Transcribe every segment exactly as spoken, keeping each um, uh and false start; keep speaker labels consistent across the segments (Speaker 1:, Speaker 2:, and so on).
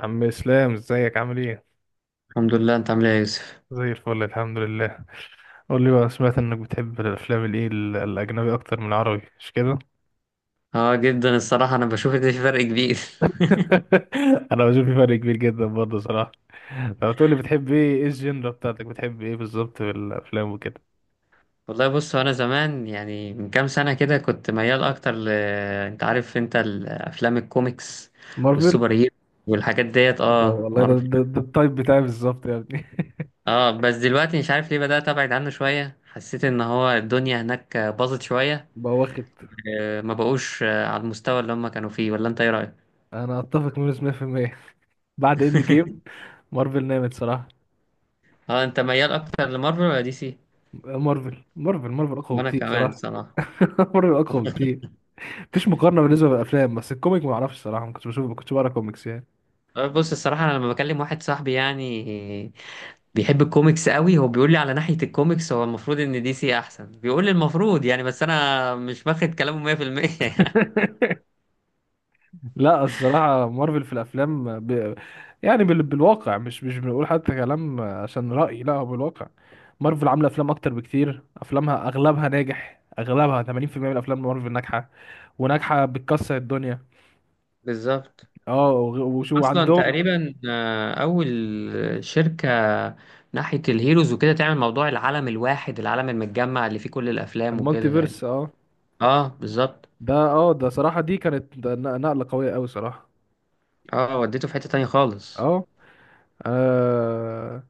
Speaker 1: عم اسلام، ازيك؟ عامل ايه؟
Speaker 2: الحمد لله. انت عامل ايه يا يوسف؟
Speaker 1: زي الفل، الحمد لله. قول لي بقى، سمعت انك بتحب الافلام الايه ال- الاجنبي اكتر من العربي، مش كده؟
Speaker 2: اه جدا الصراحه انا بشوف ان في فرق كبير.
Speaker 1: انا بشوف في فرق كبير جدا برضه صراحه. لو تقول لي، بتحب ايه ايه الجينرا بتاعتك، بتحب ايه بالظبط في الافلام وكده؟
Speaker 2: والله بص، انا زمان يعني من كام سنه كده كنت ميال اكتر ل... انت عارف انت الافلام الكوميكس
Speaker 1: مارفل.
Speaker 2: والسوبر هيرو والحاجات ديت،
Speaker 1: لا
Speaker 2: اه
Speaker 1: والله، ده
Speaker 2: معروف.
Speaker 1: ده, ده التايب بتاعي بالظبط يا ابني.
Speaker 2: اه بس دلوقتي مش عارف ليه بدات ابعد عنه شويه، حسيت ان هو الدنيا هناك باظت شويه.
Speaker 1: بقى واخد.
Speaker 2: آه، ما بقوش آه، على المستوى اللي هم كانوا فيه، ولا انت ايه رايك؟
Speaker 1: انا اتفق منه مية بالمية. بعد اند جيم مارفل نامت صراحه.
Speaker 2: اه، انت ميال اكتر لمارفل ولا دي سي؟
Speaker 1: مارفل مارفل مارفل اقوى
Speaker 2: وانا
Speaker 1: بكتير
Speaker 2: كمان
Speaker 1: صراحه.
Speaker 2: الصراحه.
Speaker 1: مارفل اقوى بكتير. مفيش مقارنه بالنسبه للافلام، بس الكوميك ما اعرفش الصراحه، ما كنتش بشوف، ما كنتش بقرا كوميكس يعني.
Speaker 2: آه، بص الصراحة، أنا لما بكلم واحد صاحبي يعني بيحب الكوميكس قوي، هو بيقول لي على ناحية الكوميكس هو المفروض ان دي سي احسن، بيقول لي المفروض يعني، بس انا مش باخد كلامه مية بالمية. يعني
Speaker 1: لا الصراحه، مارفل في الافلام ب... يعني بال... بالواقع، مش مش بنقول حتى كلام عشان راي، لا هو بالواقع. مارفل عامله افلام اكتر بكتير، افلامها اغلبها ناجح، اغلبها تمانين في المية من افلام مارفل ناجحه، وناجحه بتكسر الدنيا.
Speaker 2: بالظبط.
Speaker 1: اه، وغ- وشو
Speaker 2: اصلا
Speaker 1: عندهم؟
Speaker 2: تقريبا آه، اول شركة ناحية الهيروز وكده تعمل موضوع العالم الواحد، العالم المتجمع اللي فيه كل الافلام
Speaker 1: المالتي
Speaker 2: وكده تقريبا.
Speaker 1: فيرس، اه.
Speaker 2: اه بالظبط.
Speaker 1: ده اه ده صراحه، دي كانت، ده ن- نقله قويه قوي صراحه.
Speaker 2: اه، وديته في حتة تانية خالص.
Speaker 1: اه آه،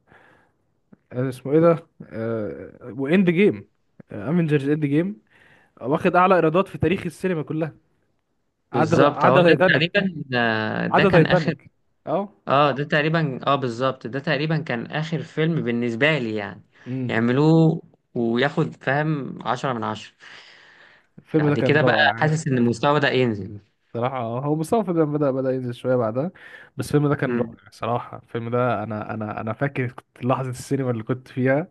Speaker 1: آه، اسمه ايه ده آه واند جيم، افنجرز اند جيم، واخد اعلى ايرادات في تاريخ السينما كلها. عدى
Speaker 2: بالظبط، هو
Speaker 1: عدى
Speaker 2: ده
Speaker 1: تايتانيك.
Speaker 2: تقريبا آه، ده
Speaker 1: عدى
Speaker 2: كان اخر.
Speaker 1: تايتانيك. اه.
Speaker 2: اه ده تقريبا، اه بالظبط، ده تقريبا كان اخر فيلم بالنسبة لي يعني
Speaker 1: امم.
Speaker 2: يعملوه، وياخد فاهم عشرة من عشرة.
Speaker 1: الفيلم ده
Speaker 2: بعد
Speaker 1: كان
Speaker 2: كده بقى
Speaker 1: رائع يعني.
Speaker 2: حاسس ان المستوى ده ينزل.
Speaker 1: صراحة، آه، هو مستوى الفيلم بدأ بدأ ينزل شوية بعدها، بس الفيلم ده كان
Speaker 2: مم.
Speaker 1: رائع صراحة. الفيلم ده أنا أنا أنا فاكر كنت لحظة السينما اللي كنت فيها.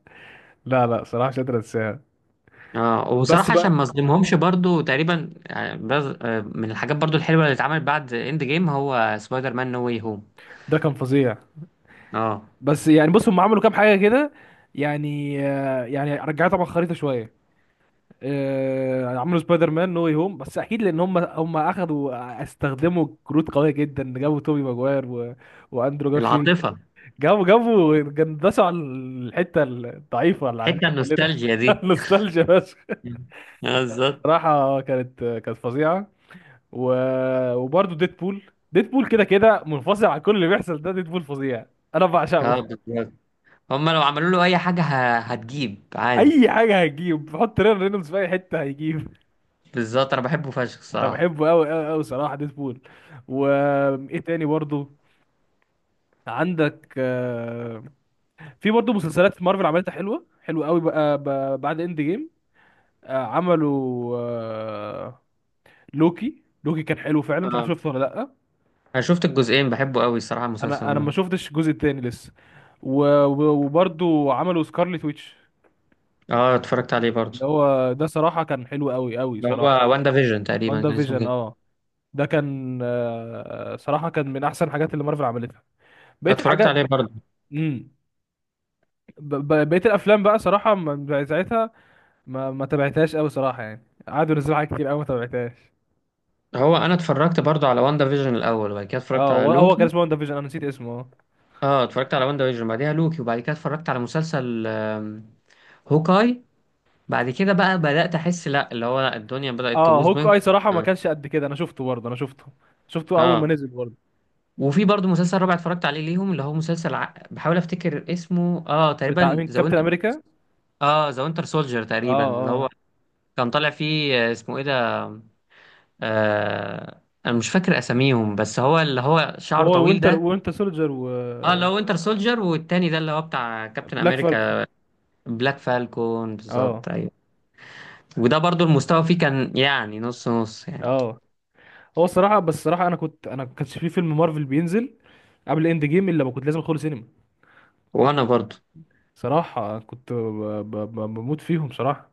Speaker 1: لا لا، صراحة مش قادر أنساها.
Speaker 2: اه
Speaker 1: بس
Speaker 2: وبصراحة عشان
Speaker 1: بقى،
Speaker 2: ما اظلمهمش برضو، تقريبا آه، بز- آه، من الحاجات برضو الحلوة اللي اتعملت بعد اند جيم هو سبايدر مان نو واي هوم.
Speaker 1: ده كان فظيع.
Speaker 2: اه،
Speaker 1: بس يعني بص، هم عملوا كام حاجة كده. يعني آه، يعني رجعت طبعا خريطة شوية. آه، عملوا سبايدر مان نو واي هوم، بس اكيد لان هم هم اخذوا، استخدموا كروت قويه جدا. جابوا توبي ماجواير و واندرو جارفيلد.
Speaker 2: العاطفة،
Speaker 1: جابوا جابوا جندسوا على الحته الضعيفه اللي عندنا
Speaker 2: حتة
Speaker 1: كلنا.
Speaker 2: النوستالجيا دي.
Speaker 1: نوستالجيا بس.
Speaker 2: مم. اه بالظبط.
Speaker 1: صراحه كانت، كانت فظيعه. و... وبرده ديدبول. ديدبول كده كده منفصل عن كل اللي بيحصل، ده ديدبول فظيع. انا بعشقه.
Speaker 2: اه بالظبط، هما لو عملوا له اي حاجة ه- هتجيب عادي.
Speaker 1: اي حاجه هيجيب، بحط ريان رينولدز في اي حته هيجيب.
Speaker 2: بالظبط، انا بحبه فشخ
Speaker 1: انا
Speaker 2: الصراحة.
Speaker 1: بحبه قوي قوي قوي صراحه، ديدبول. وايه تاني برضه عندك؟ آه، في برضه مسلسلات في مارفل عملتها حلوه حلوه قوي بقى، ب- بعد اند جيم. آه، عملوا آه، لوكي لوكي كان حلو فعلا، مش عارف
Speaker 2: اه،
Speaker 1: شفته ولا لا.
Speaker 2: انا شفت الجزئين، بحبه قوي الصراحه المسلسل
Speaker 1: انا انا ما
Speaker 2: ده.
Speaker 1: شفتش الجزء التاني لسه. و- و- وبرضه عملوا سكارلت ويتش،
Speaker 2: اه اتفرجت عليه برضه.
Speaker 1: اللي هو ده صراحه كان حلو قوي قوي
Speaker 2: اللي
Speaker 1: صراحه.
Speaker 2: هو واندا فيجن تقريبا
Speaker 1: واندا
Speaker 2: كان اسمه
Speaker 1: فيجن،
Speaker 2: كده.
Speaker 1: اه. ده كان آه، صراحه كان من احسن الحاجات اللي مارفل عملتها. بقيه
Speaker 2: اتفرجت
Speaker 1: الحاجات.
Speaker 2: عليه برضه.
Speaker 1: امم. ب- ب- بقيه الافلام بقى صراحه من- ساعتها ما ما تابعتهاش قوي صراحه يعني، قعدوا ينزلوا حاجات كتير قوي ما تابعتهاش.
Speaker 2: هو انا اتفرجت برضه على واندا فيجن الاول، وبعد كده اتفرجت
Speaker 1: اه،
Speaker 2: على
Speaker 1: هو هو كان
Speaker 2: لوكي.
Speaker 1: اسمه وان ديفيجن، انا نسيت اسمه، اه.
Speaker 2: اه، اتفرجت على واندا فيجن، بعديها لوكي، وبعد كده اتفرجت على مسلسل آم، هوكاي. بعد كده بقى بدأت احس لا، اللي هو لا، الدنيا بدأت
Speaker 1: اه
Speaker 2: تبوظ
Speaker 1: هوك
Speaker 2: منكم.
Speaker 1: اي، صراحه ما كانش قد كده، انا شفته برضه، انا شفته، شفته اول ما
Speaker 2: اه.
Speaker 1: نزل برضه.
Speaker 2: وفي برضه مسلسل رابع اتفرجت عليه ليهم، اللي هو مسلسل ع... بحاول افتكر اسمه، اه
Speaker 1: بتاع
Speaker 2: تقريبا
Speaker 1: مين؟
Speaker 2: ذا
Speaker 1: كابتن
Speaker 2: وينتر.
Speaker 1: امريكا.
Speaker 2: اه ذا وينتر سولجر
Speaker 1: اه،
Speaker 2: تقريبا اللي هو.
Speaker 1: اه،
Speaker 2: كان طالع فيه آه، اسمه ايه ده؟ آه انا مش فاكر اساميهم، بس هو اللي هو شعره
Speaker 1: هو
Speaker 2: طويل
Speaker 1: وينتر
Speaker 2: ده.
Speaker 1: وينتر سولجر
Speaker 2: اه اللي هو وينتر سولجر، والتاني ده اللي هو بتاع كابتن
Speaker 1: وبلاك فالكون.
Speaker 2: امريكا. بلاك فالكون
Speaker 1: اه.
Speaker 2: بالظبط، ايوه. وده برضو المستوى فيه كان يعني نص نص يعني.
Speaker 1: اه هو الصراحه، بس الصراحه انا كنت انا ما كانش في فيلم مارفل بينزل قبل اند جيم الا ما كنت لازم ادخله سينما.
Speaker 2: وانا برضو.
Speaker 1: صراحه كنت ب- ب- ب- بموت فيهم صراحه.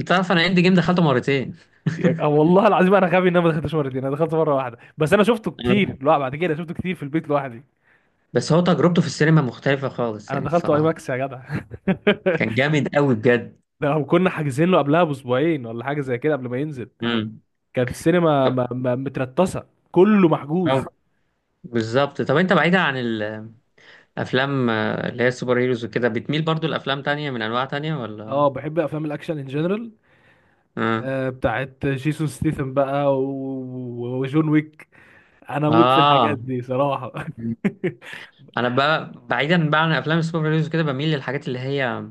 Speaker 2: انت عارف انا اند جيم دخلته مرتين.
Speaker 1: آه، والله العظيم انا غبي ان انا ما دخلتش مرتين، انا دخلت مره واحده بس، انا شفته
Speaker 2: أيوة.
Speaker 1: كتير. لا، بعد كده شفته كتير في البيت لوحدي.
Speaker 2: بس هو تجربته في السينما مختلفة خالص
Speaker 1: انا
Speaker 2: يعني
Speaker 1: دخلت اي
Speaker 2: الصراحة.
Speaker 1: ماكس يا جدع.
Speaker 2: كان جامد قوي بجد.
Speaker 1: ده هم كنا حاجزين له قبلها باسبوعين ولا حاجه زي كده قبل ما ينزل.
Speaker 2: امم.
Speaker 1: كانت السينما م- م- مترتصه، كله محجوز.
Speaker 2: بالظبط. طب انت بعيدا عن ال افلام آه، اللي هي السوبر هيروز وكده، بتميل برضو لافلام تانية من انواع تانية، ولا؟
Speaker 1: اه، بحب افلام الاكشن ان جنرال.
Speaker 2: اه.
Speaker 1: آه بتاعت جيسون ستيثم بقى، و- وجون ويك. انا اموت في الحاجات
Speaker 2: اه.
Speaker 1: دي صراحه.
Speaker 2: انا بقى بعيدا بقى عن افلام السوبر هيروز وكده، بميل للحاجات اللي هي،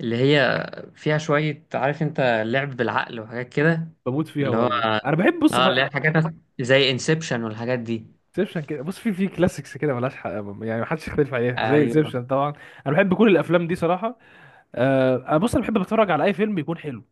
Speaker 2: اللي هي فيها شوية، عارف انت، لعب بالعقل وحاجات كده.
Speaker 1: بموت فيها
Speaker 2: اللي هو،
Speaker 1: برضه. انا بحب، بص،
Speaker 2: اه، اللي هي حاجات زي انسبشن والحاجات دي.
Speaker 1: زيبشن كده، بص، في في كلاسيكس كده ملهاش حق، يعني محدش يختلف عليها زي
Speaker 2: ايوه.
Speaker 1: زيبشن طبعا. انا بحب كل الافلام دي صراحه. آه انا بص، انا بحب اتفرج على اي فيلم يكون حلو،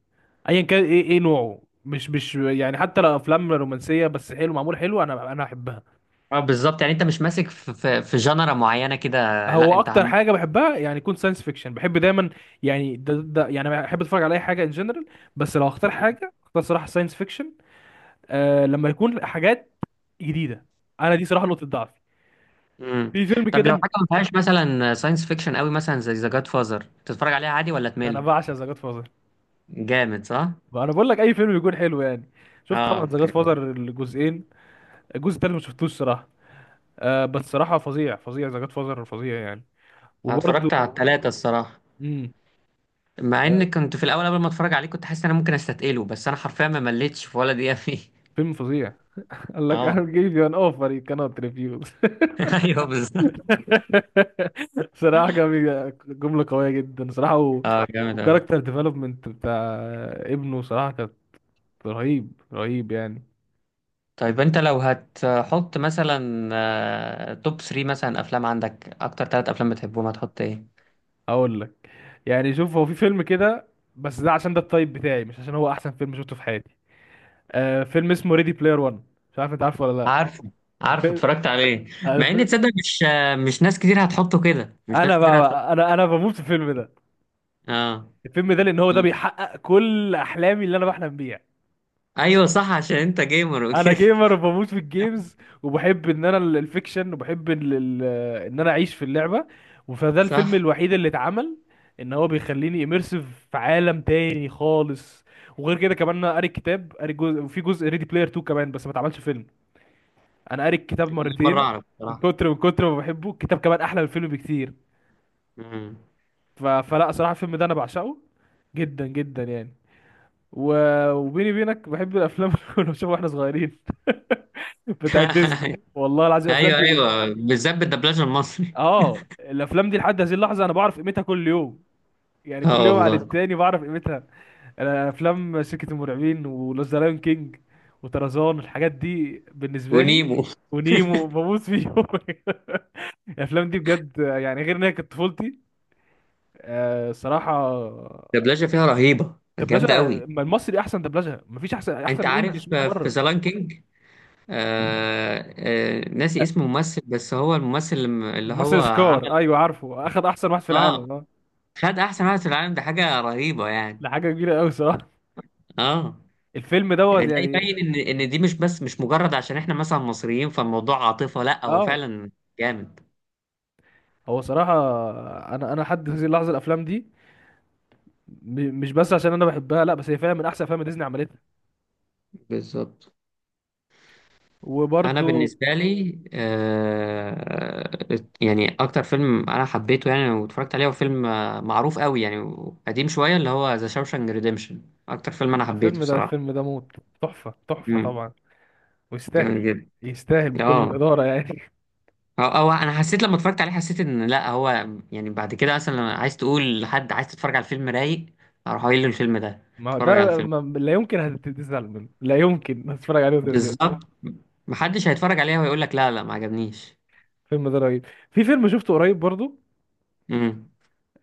Speaker 1: ايا كان ايه ايه نوعه، مش مش يعني حتى لو افلام رومانسيه، بس حلو معمول حلو انا انا احبها.
Speaker 2: اه بالظبط. يعني انت مش ماسك في في, في جنرا معينة كده؟ لا
Speaker 1: هو
Speaker 2: انت
Speaker 1: اكتر
Speaker 2: عم.
Speaker 1: حاجه بحبها يعني يكون ساينس فيكشن، بحب دايما، يعني ده, ده يعني بحب اتفرج على اي حاجه ان جنرال، بس لو اختار
Speaker 2: مم.
Speaker 1: حاجه، اختار صراحه ساينس فيكشن. آه لما يكون حاجات جديده. انا دي صراحه نقطه ضعفي.
Speaker 2: مم.
Speaker 1: في فيلم
Speaker 2: طب لو
Speaker 1: كده،
Speaker 2: حاجة ما فيهاش مثلا ساينس فيكشن قوي، مثلا زي ذا جاد فازر، تتفرج عليها عادي ولا
Speaker 1: ده انا
Speaker 2: تمل؟
Speaker 1: بعشق ذا جاد.
Speaker 2: جامد صح؟
Speaker 1: انا بقول لك اي فيلم بيكون حلو يعني. شفت
Speaker 2: اه
Speaker 1: طبعا ذا جاد
Speaker 2: اوكي.
Speaker 1: فازر الجزئين. الجزء التالت ما شفتوش صراحه. آه بس صراحه، فظيع فظيع، ذا جاد فازر فظيع يعني.
Speaker 2: أنا
Speaker 1: وبرده.
Speaker 2: اتفرجت على اه التلاتة الصراحة.
Speaker 1: امم.
Speaker 2: مع
Speaker 1: آه
Speaker 2: ان كنت في الاول قبل ما اتفرج عليه كنت حاسس ان انا ممكن استثقله، بس انا حرفيا ما مليتش في ولا دقيقة فيه.
Speaker 1: فيلم فظيع. قال لك: I'll
Speaker 2: اه.
Speaker 1: give you an offer you cannot refuse.
Speaker 2: ايوه بالظبط.
Speaker 1: صراحه جميل، جمله قويه جدا صراحه. و...
Speaker 2: اه جامد اوي.
Speaker 1: والكاركتر ديفلوبمنت بتاع ابنه صراحه كانت رهيب رهيب يعني.
Speaker 2: طيب انت لو هتحط مثلا آه، توب ثلاثة مثلا افلام، عندك اكتر ثلاث افلام بتحبهم، هتحط ايه؟
Speaker 1: هقول لك، يعني شوف، هو في فيلم كده بس ده عشان ده التايب بتاعي، مش عشان هو احسن فيلم شفته في حياتي. آه، فيلم اسمه ريدي بلاير ون، مش عارف انت عارفه ولا لا.
Speaker 2: عارفه. عارفه،
Speaker 1: ب-
Speaker 2: اتفرجت عليه. مع ان
Speaker 1: عارف-
Speaker 2: تصدق مش آه، مش ناس كتير هتحطه كده، مش ناس
Speaker 1: انا بقى,
Speaker 2: كتير هتحطه.
Speaker 1: بقى انا انا بموت في الفيلم ده،
Speaker 2: اه.
Speaker 1: الفيلم ده، لان هو ده بيحقق كل احلامي اللي انا بحلم بيها.
Speaker 2: ايوه صح، عشان انت جيمر
Speaker 1: انا
Speaker 2: وكده.
Speaker 1: جيمر وبموت في الجيمز، وبحب ان انا ال- الفيكشن، وبحب ال- ال- ان انا اعيش في اللعبه. فده الفيلم
Speaker 2: صح.
Speaker 1: الوحيد اللي اتعمل ان هو بيخليني اميرسيف في عالم تاني خالص. وغير كده كمان، انا قاري الكتاب، قاري جزء، وفي جزء ريدي بلاير اتنين كمان بس ما اتعملش فيلم. انا قاري الكتاب
Speaker 2: أول مرة
Speaker 1: مرتين،
Speaker 2: اعرف
Speaker 1: من
Speaker 2: بصراحة.
Speaker 1: كتر من كتر ما بحبه. الكتاب كمان احلى من الفيلم بكتير.
Speaker 2: مم.
Speaker 1: ف... فلا صراحه، الفيلم ده انا بعشقه جدا جدا يعني. و... وبيني وبينك بحب الافلام اللي كنا بنشوفها واحنا صغيرين. بتاعت ديزني، والله العظيم الافلام
Speaker 2: ايوه
Speaker 1: دي.
Speaker 2: ايوه، بالذات بالدبلجه المصري.
Speaker 1: اه، الافلام دي لحد هذه اللحظه انا بعرف قيمتها كل يوم، يعني كل
Speaker 2: اه
Speaker 1: يوم عن
Speaker 2: والله.
Speaker 1: التاني بعرف قيمتها. انا افلام شركه المرعبين، وذا لايون كينج، وطرزان، الحاجات دي بالنسبه لي.
Speaker 2: ونيمو.
Speaker 1: ونيمو، بموت فيهم. الافلام دي بجد يعني غير ان هي كانت طفولتي. آه، الصراحه
Speaker 2: الدبلجه فيها رهيبه،
Speaker 1: دبلجه،
Speaker 2: جامده قوي.
Speaker 1: ما المصري احسن دبلجه، مفيش احسن احسن
Speaker 2: انت
Speaker 1: من انجلش
Speaker 2: عارف
Speaker 1: مية
Speaker 2: آه، في
Speaker 1: مره.
Speaker 2: زلان كينج، آه. آه ناسي اسم ممثل، بس هو الممثل اللي اللي هو
Speaker 1: مصري
Speaker 2: عمل.
Speaker 1: سكار، ايوه عارفه، اخد احسن واحد في
Speaker 2: اه
Speaker 1: العالم، اه.
Speaker 2: خد احسن واحد في العالم، ده حاجه رهيبه يعني.
Speaker 1: ده حاجه كبيره قوي صراحه.
Speaker 2: اه
Speaker 1: الفيلم دوت
Speaker 2: يعني ده
Speaker 1: يعني.
Speaker 2: يبين ان ان دي مش بس مش مجرد عشان احنا مثلا مصريين فالموضوع عاطفه، لا هو
Speaker 1: اه،
Speaker 2: فعلا جامد.
Speaker 1: هو صراحه، انا انا لحد هذه اللحظه الافلام دي م- مش بس عشان انا بحبها، لا بس هي فعلا من احسن افلام ديزني عملتها.
Speaker 2: بالظبط. انا
Speaker 1: وبرده،
Speaker 2: بالنسبه لي آه، يعني اكتر فيلم انا حبيته يعني واتفرجت عليه هو فيلم آه، معروف قوي يعني، قديم شويه، اللي هو ذا شاوشانك ريديمشن. اكتر فيلم انا حبيته
Speaker 1: الفيلم ده
Speaker 2: الصراحه.
Speaker 1: الفيلم ده موت، تحفه تحفه
Speaker 2: امم.
Speaker 1: طبعا، ويستاهل،
Speaker 2: جامد جدا.
Speaker 1: يستاهل بكل
Speaker 2: اه.
Speaker 1: جداره يعني.
Speaker 2: أو, او انا حسيت لما اتفرجت عليه، حسيت ان لا هو، يعني بعد كده مثلا لما عايز تقول لحد عايز تتفرج على الفيلم رايق، اروح قايل له الفيلم ده،
Speaker 1: ما هو
Speaker 2: اتفرج على
Speaker 1: ده،
Speaker 2: الفيلم.
Speaker 1: ما لا يمكن هتتزعل منه، لا يمكن. هتتفرج عليه وتزعل.
Speaker 2: بالظبط. محدش هيتفرج عليه ويقول لك لا لا ما عجبنيش.
Speaker 1: الفيلم ده رهيب. في فيلم شفته قريب برضو،
Speaker 2: امم.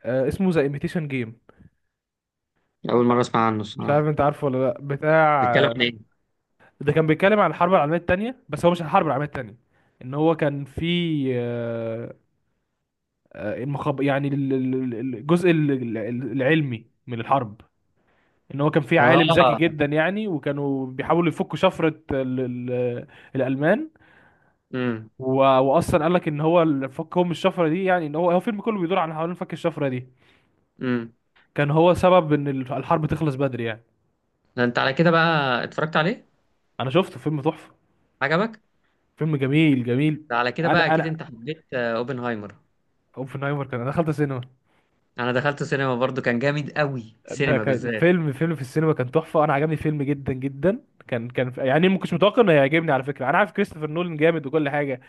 Speaker 1: آه، اسمه ذا ايميتيشن جيم،
Speaker 2: اول مره اسمع عنه
Speaker 1: مش عارف
Speaker 2: الصراحه.
Speaker 1: انت عارفه ولا لا، بتاع
Speaker 2: بيتكلم عن
Speaker 1: آه،
Speaker 2: ايه؟
Speaker 1: ده كان بيتكلم عن الحرب العالميه الثانيه، بس هو مش الحرب العالميه الثانيه، ان هو كان في آه، آه، المخب يعني، ال- ال- ال- الجزء ال- ال- العلمي من الحرب. ان هو كان في عالم ذكي
Speaker 2: اه.
Speaker 1: جدا يعني، وكانوا بيحاولوا يفكوا شفره ال- ال- الالمان.
Speaker 2: امم.
Speaker 1: و... واصلا قال لك ان هو الفك هم الشفره دي، يعني ان هو هو الفيلم كله بيدور عن حوالين فك الشفره دي.
Speaker 2: امم.
Speaker 1: كان هو سبب ان الحرب تخلص بدري يعني.
Speaker 2: ده انت على كده بقى اتفرجت عليه؟
Speaker 1: انا شفته فيلم تحفه،
Speaker 2: عجبك؟
Speaker 1: فيلم جميل جميل.
Speaker 2: ده على كده بقى
Speaker 1: انا
Speaker 2: اكيد
Speaker 1: انا
Speaker 2: انت حبيت آه، اوبنهايمر.
Speaker 1: اوبنهايمر كان، انا دخلت السينما.
Speaker 2: انا دخلته سينما برضو، كان جامد قوي
Speaker 1: ده
Speaker 2: سينما
Speaker 1: كان
Speaker 2: بالذات.
Speaker 1: فيلم فيلم في السينما، كان تحفه، انا عجبني فيلم جدا جدا، كان كان يعني ما كنتش متوقع انه هيعجبني على فكره، انا عارف كريستوفر نولان جامد وكل حاجه،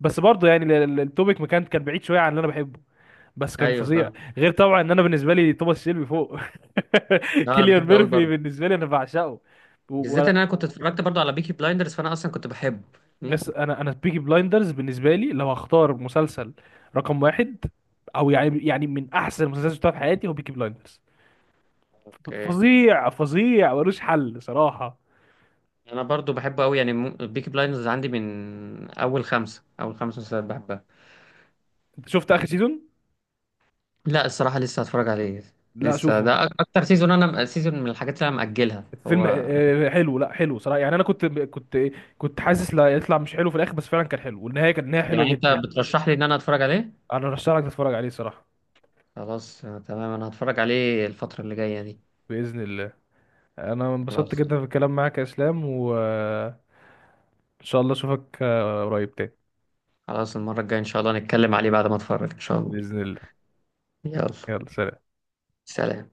Speaker 1: بس برضه يعني ال- ال- التوبيك ما كان كان بعيد شويه عن اللي انا بحبه، بس كان
Speaker 2: ايوه
Speaker 1: فظيع.
Speaker 2: فاهم.
Speaker 1: غير طبعا ان انا بالنسبه لي توماس شيلبي فوق.
Speaker 2: لا انا
Speaker 1: كيليان
Speaker 2: بحبه قوي
Speaker 1: ميرفي
Speaker 2: برضو.
Speaker 1: بالنسبه لي انا بعشقه. و-
Speaker 2: بالذات
Speaker 1: و-
Speaker 2: ان انا كنت اتفرجت برضو على بيكي بلايندرز، فانا اصلا كنت بحبه. امم.
Speaker 1: أس- انا انا بيكي بلايندرز بالنسبه لي، لو هختار مسلسل رقم واحد، او يعني يعني من احسن المسلسلات اللي شفتها في حياتي هو بيكي بلايندرز.
Speaker 2: اوكي.
Speaker 1: فظيع فظيع، ملوش حل صراحه.
Speaker 2: انا برضو بحبه قوي يعني، بيكي بلايندرز عندي من اول خمسة، اول خمس مسلسلات بحبها.
Speaker 1: انت شفت اخر سيزون؟
Speaker 2: لا الصراحة لسه هتفرج عليه.
Speaker 1: لا
Speaker 2: لسه
Speaker 1: شوفه.
Speaker 2: ده أك- اكتر سيزون، انا سيزون من الحاجات اللي انا مأجلها
Speaker 1: الفيلم
Speaker 2: هو.
Speaker 1: آه، حلو، لا حلو صراحه يعني، انا كنت كنت كنت حاسس لا يطلع مش حلو في الاخر، بس فعلا كان حلو، والنهايه كانت نهايه حلوه
Speaker 2: يعني انت
Speaker 1: جدا.
Speaker 2: بترشح لي ان انا اتفرج عليه؟
Speaker 1: انا رشح لك تتفرج عليه صراحه.
Speaker 2: خلاص آه، تمام، انا هتفرج عليه الفترة اللي جاية دي.
Speaker 1: باذن الله. انا
Speaker 2: خلاص
Speaker 1: انبسطت
Speaker 2: خلاص.
Speaker 1: جدا في الكلام معاك يا اسلام، وان شاء الله اشوفك آه، قريب تاني.
Speaker 2: خلاص المرة الجاية ان شاء الله نتكلم عليه بعد ما اتفرج ان شاء الله.
Speaker 1: باذن الله.
Speaker 2: يلا
Speaker 1: يلا، سلام.
Speaker 2: سلام.